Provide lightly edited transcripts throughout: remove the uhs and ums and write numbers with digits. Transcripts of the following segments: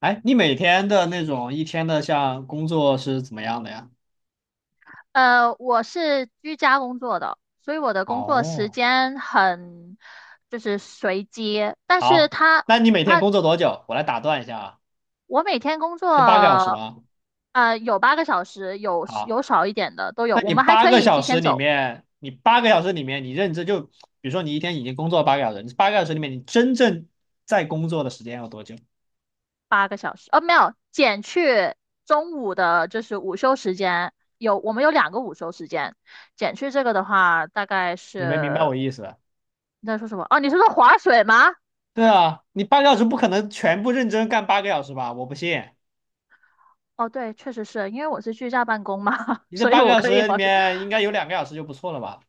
哎，你每天的那种一天的像工作是怎么样的呀？我是居家工作的，所以我的工作时哦，间很就是随机，但是好，那你每天他工作多久？我来打断一下啊，我每天工是八个小时作，吗？有八个小时，有好，有少一点的都有，那我你们还八可个以小提时前里走面，你认真就，比如说你一天已经工作八个小时，你八个小时里面你真正在工作的时间有多久？八个小时。没有，减去中午的就是午休时间，我们有两个午休时间，减去这个的话，大概你没明白是我意思吧你在说什么？哦，你是说划水吗？对啊，你八个小时不可能全部认真干八个小时吧？我不信，哦，对，确实是因为我是居家办公嘛，你这所以八个我小可以时里划水。面应该有两个小时就不错了吧？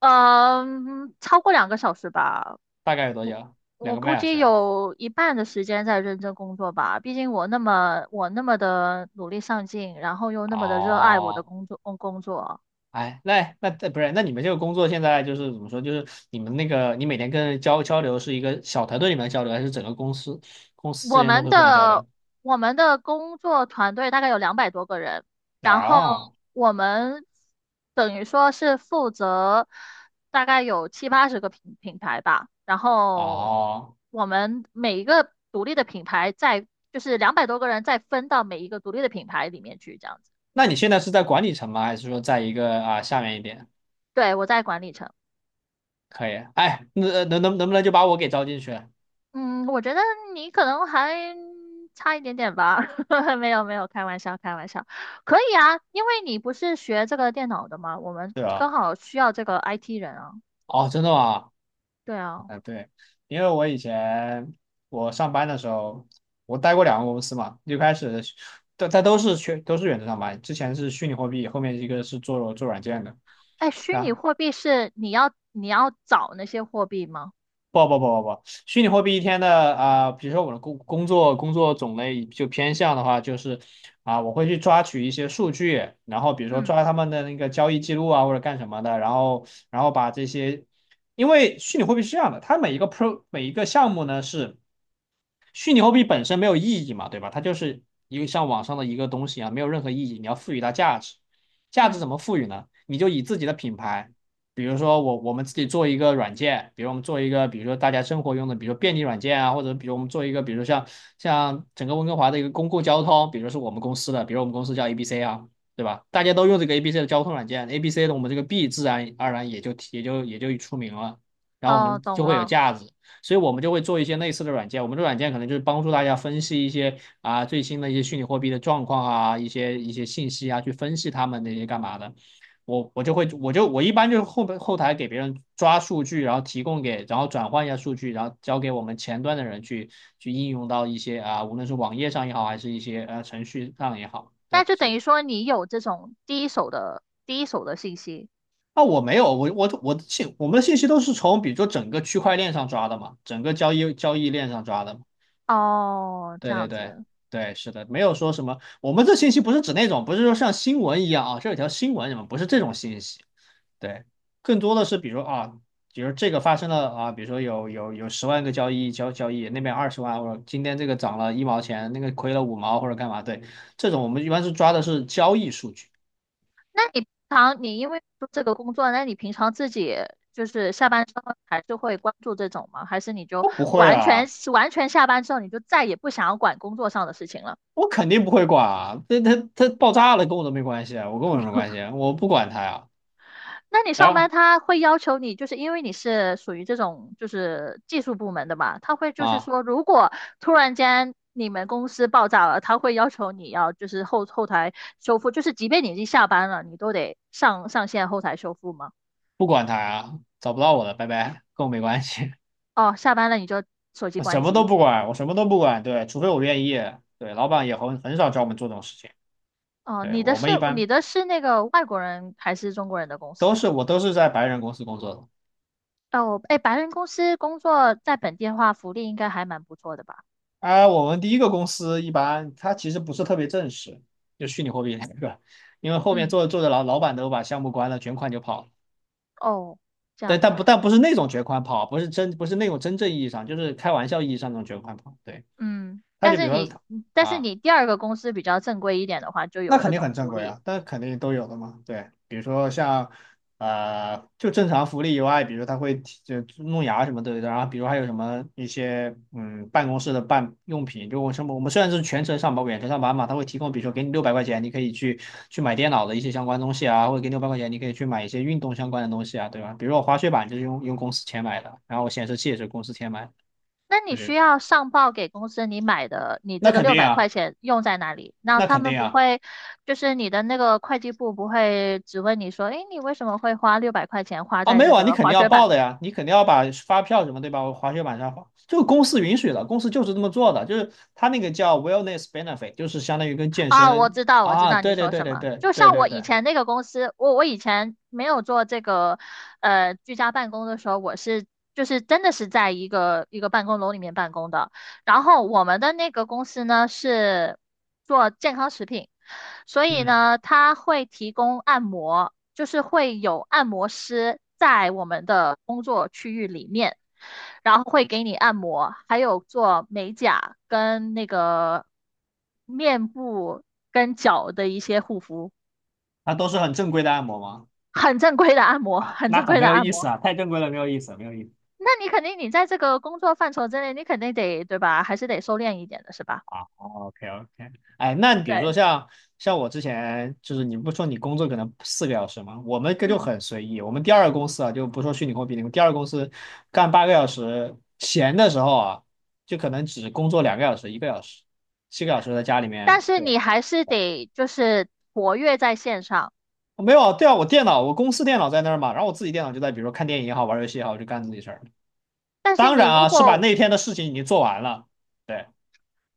嗯，超过2个小时吧，大概有多我久？两我个估半小时计啊。有一半的时间在认真工作吧。毕竟我那么的努力上进，然后又那么的热爱我的哦，工作。哎，那不是，那你们这个工作现在就是怎么说？就是你们那个，你每天跟交流是一个小团队里面的交流，还是整个公司之我间都们会互相交的流？我们的工作团队大概有两百多个人，然后哦我们等于说是负责大概有七八十个品牌吧，然后哦，我们每一个独立的品牌再就是两百多个人再分到每一个独立的品牌里面去，这样子。那你现在是在管理层吗？还是说在一个啊下面一点？对，我在管理层。可以，哎，那能不能就把我给招进去？嗯，我觉得你可能还差一点点吧，没有没有，开玩笑开玩笑，可以啊，因为你不是学这个电脑的嘛，我们对刚啊。好需要这个 IT 人啊，哦，真的吗？对啊，啊，对，因为我以前我上班的时候，我待过2个公司嘛，一开始但都是都是远程上班，之前是虚拟货币，后面一个是做软件的，哎，虚拟啊，货币是你要找那些货币吗？不，虚拟货币一天的啊、比如说我的工作工作种类就偏向的话，就是啊、我会去抓取一些数据，然后比如说嗯抓他们的那个交易记录啊或者干什么的，然后然后把这些，因为虚拟货币是这样的，它每一个 pro 每一个项目呢是。虚拟货币本身没有意义嘛，对吧？它就是一个像网上的一个东西啊，没有任何意义。你要赋予它价值，价值嗯，怎么赋予呢？你就以自己的品牌，比如说我们自己做一个软件，比如我们做一个，比如说大家生活用的，比如说便利软件啊，或者比如我们做一个，比如像整个温哥华的一个公共交通，比如是我们公司的，比如我们公司叫 ABC 啊。对吧？大家都用这个 ABC 的交通软件，ABC 的我们这个 B 自然而然也就出名了，然后我哦，们就懂会有了，价值。所以我们就会做一些类似的软件。我们的软件可能就是帮助大家分析一些啊最新的一些虚拟货币的状况啊，一些信息啊，去分析他们那些干嘛的。我我就会我就我一般就是后台给别人抓数据，然后提供给，然后转换一下数据，然后交给我们前端的人去应用到一些啊，无论是网页上也好，还是一些程序上也好，那对，就所等以。于说你有这种第一手的信息，啊，我没有，我们的信息都是从比如说整个区块链上抓的嘛，整个交易链上抓的嘛。哦，这对对样对子。对，是的，没有说什么。我们这信息不是指那种，不是说像新闻一样啊，这有条新闻什么，不是这种信息。对，更多的是比如啊，比如这个发生了啊，比如说有十万个交易，那边20万，或者今天这个涨了一毛钱，那个亏了五毛或者干嘛？对，这种我们一般是抓的是交易数据。那你平常你因为做这个工作，那你平常自己就是下班之后还是会关注这种吗？还是你就我不会完全啊，完全下班之后你就再也不想要管工作上的事情了？我肯定不会管啊，它爆炸了跟我都没关系啊，我跟我有什么关系啊？我不管它呀。那你然上班后他会要求你，就是因为你是属于这种就是技术部门的嘛，他会就是啊。说，如果突然间你们公司爆炸了，他会要求你要就是后台修复，就是即便你已经下班了，你都得上线后台修复吗？不管他呀，找不到我了，拜拜，跟我没关系，哦，下班了你就手 机我关什么都机。不管，我什么都不管，对，除非我愿意，对，老板也很少找我们做这种事情，哦，对，你的我是们一般你的是那个外国人还是中国人的公司？我都是在白人公司工作的，哦，哎，白人公司工作在本地的话，福利应该还蛮不错的吧？啊，我们第一个公司一般它其实不是特别正式，就虚拟货币那个，因为后面嗯，做着做着老板都把项目关了，卷款就跑了，哦，这对，样子，但不是那种卷款跑，不是不是那种真正意义上，就是开玩笑意义上那种卷款跑，对，嗯，他但就比是如说。你他但是啊。你第二个公司比较正规一点的话，就有那肯各定种很正福规利。啊，但肯定都有的嘛。对，比如说像就正常福利以外，比如他会弄牙什么的，然后比如还有什么一些办公室的办用品，就我什么我们虽然是全程上班远程上班嘛，他会提供，比如说给你六百块钱，你可以去买电脑的一些相关东西啊，或者给你六百块钱，你可以去买一些运动相关的东西啊，对吧？比如说我滑雪板就是用公司钱买的，然后我显示器也是公司钱买的，那你就需是要上报给公司你买的，你那这个肯六定百块啊，钱用在哪里？那那他肯们定不啊。会，就是你的那个会计部不会只问你说，哎，你为什么会花六百块钱花啊，在没这有啊，你个肯定滑要雪板？报的呀，你肯定要把发票什么，对吧？我滑雪板上滑，这个公司允许的，公司就是这么做的，就是他那个叫 wellness benefit，就是相当于跟健啊，我身知道，我知啊，道你对对说对什对么。对就对像对我对，以前那个公司，我以前没有做这个，居家办公的时候，我是就是真的是在一个办公楼里面办公的。然后我们的那个公司呢是做健康食品，所以嗯，呢，它会提供按摩，就是会有按摩师在我们的工作区域里面，然后会给你按摩，还有做美甲跟那个面部跟脚的一些护肤，那都是很正规的按摩吗？很正规的按摩，哎，很那正很规没的有按意思摩。啊，太正规了，没有意思，没有意思。那你肯定你在这个工作范畴之内，你肯定得，对吧？还是得收敛一点的，是吧？啊，OK OK，哎，那你比如对，说像我之前就是你不说你工作可能4个小时吗？我们这就嗯。很随意，我们第二个公司啊，就不说虚拟货币那们第二个公司干八个小时，闲的时候啊，就可能只工作两个小时、1个小时，7个小时在家里但面，是对你吧？还是得就是活跃在线上。哦没有啊，对啊，我公司电脑在那儿嘛，然后我自己电脑就在，比如说看电影也好，玩游戏也好，就干自己事儿。但是当你然如啊，是把果，那天的事情已经做完了。对。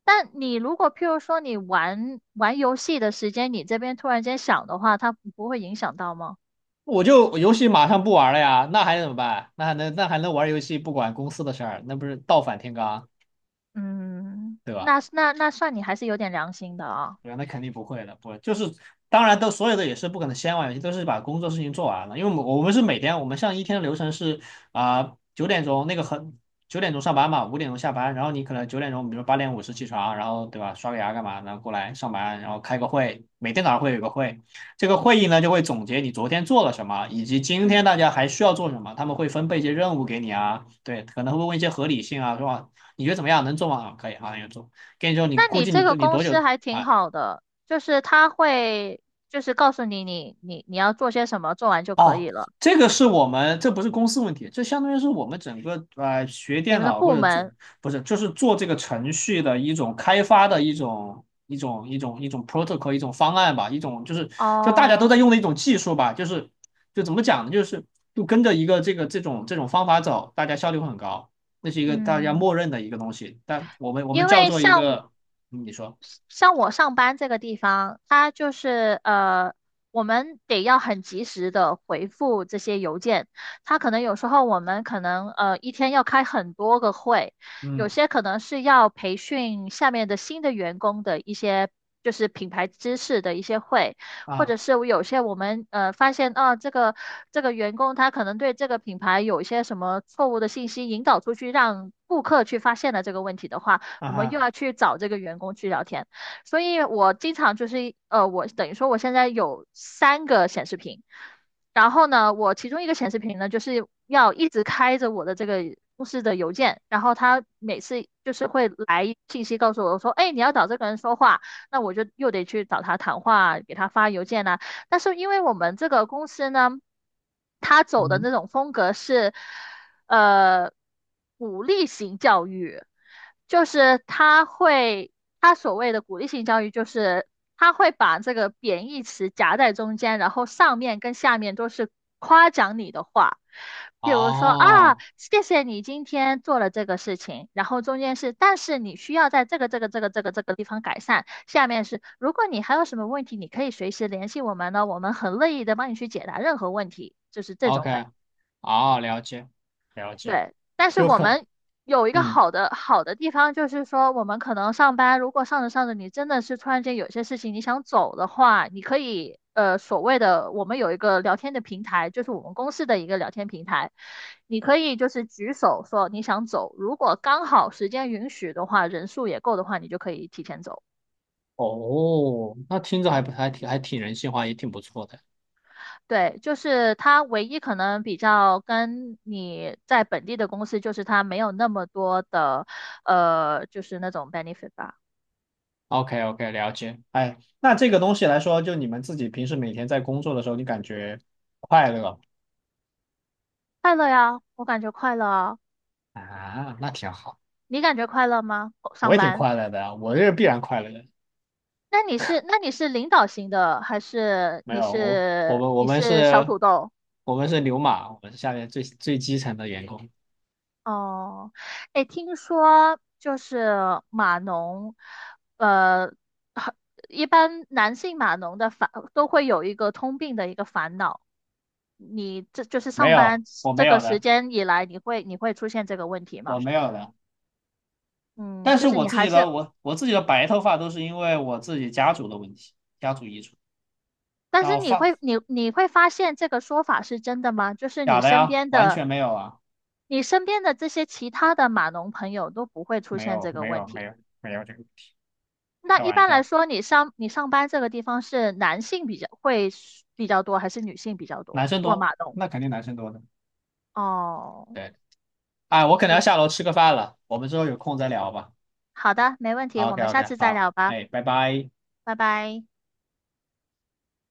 但你如果譬如说你玩玩游戏的时间，你这边突然间响的话，它不会影响到吗？我游戏马上不玩了呀，那还能怎么办？那还能玩游戏不管公司的事儿，那不是倒反天罡，嗯，对吧？那算你还是有点良心的啊。对吧？那肯定不会的，不会，就是当然都所有的也是不可能先玩游戏，都是把工作事情做完了。因为我们是每天，我们像一天的流程是啊九、点钟那个很九点钟上班嘛，5点钟下班，然后你可能九点钟，比如8点50起床，然后对吧，刷个牙干嘛，然后过来上班，然后开个会，每天早上会有个会，这个会议呢就会总结你昨天做了什么，以及今嗯，天大家还需要做什么，他们会分配一些任务给你啊，对，可能会问一些合理性啊，是吧？你觉得怎么样？能做吗？啊可以，啊，那就做。跟你说，你那估你计这个你公多司久？还挺啊，好的，就是他会就是告诉你要做些什么，做完就可以哦，了。这个是我们，这不是公司问题，这相当于是我们整个学你电们的脑或部者做，门不是，就是做这个程序的一种开发的一种 protocol 一种方案吧，一种就是就大家都在哦，用的一种技术吧，就是就怎么讲呢，就是就跟着一个这种方法走，大家效率会很高，那是一个大家嗯。默认的一个东西，但我因们叫为做一像个，你说，像我上班这个地方，它就是我们得要很及时的回复这些邮件。它可能有时候我们可能一天要开很多个会，有嗯些可能是要培训下面的新的员工的一些就是品牌知识的一些会，或者啊是有些我们发现啊这个员工他可能对这个品牌有一些什么错误的信息引导出去，让顾客去发现了这个问题的话。啊我们又哈，要去找这个员工去聊天。所以我经常就是我等于说我现在有三个显示屏，然后呢，我其中一个显示屏呢，就是要一直开着我的这个公司的邮件，然后他每次就是会来信息告诉我说，哎，你要找这个人说话，那我就又得去找他谈话，给他发邮件呐、但是因为我们这个公司呢，他走的嗯，那种风格是，呃鼓励型教育，就是他会，他所谓的鼓励性教育，就是他会把这个贬义词夹在中间，然后上面跟下面都是夸奖你的话。比如说啊，哦谢谢你今天做了这个事情，然后中间是，但是你需要在这个地方改善。下面是，如果你还有什么问题，你可以随时联系我们呢，我们很乐意的帮你去解答任何问题，就是这，OK。种感觉啊，了解了解，对，但是就我很，们有一个嗯好的地方，就是说我们可能上班，如果上着上着，你真的是突然间有些事情你想走的话，你可以所谓的我们有一个聊天的平台，就是我们公司的一个聊天平台，你可以就是举手说你想走，如果刚好时间允许的话，人数也够的话，你就可以提前走。哦，那听着还不还挺人性化，也挺不错的。对，就是它唯一可能比较跟你在本地的公司，就是它没有那么多的就是那种 benefit 吧。OK OK，了解。哎，那这个东西来说，就你们自己平时每天在工作的时候，你感觉快乐吗？快乐呀，我感觉快乐啊。啊？那挺好，你感觉快乐吗？我上也挺班？快乐的啊，我这是必然快乐的。那你是领导型的，还是没你有，是我你们是小是，土豆？我们是牛马，我们是下面最基层的员工。哦，哎，听说就是码农，呃，很一般男性码农的烦都会有一个通病的一个烦恼，你这就是没上有，班我这没个有时的，间以来，你会出现这个问题我吗？没有的。嗯，但就是是你还是我我自己的白头发都是因为我自己家族的问题，家族遗传。但然是后你发会你你会发现这个说法是真的吗？就是假的呀，完全没有啊，你身边的这些其他的码农朋友都不会出没现有这个没问有没题。有没有这个，那开一玩般来笑，说，你上班这个地方是男性比较会比较多，还是女性比较多男生做多，码农？那肯定男生多的。哦，对，哎，我可能要下我楼吃个饭了，我们之后有空再聊吧。好的，没问题，我 OK 们下 OK，次再好，聊吧，哎，拜拜。拜拜。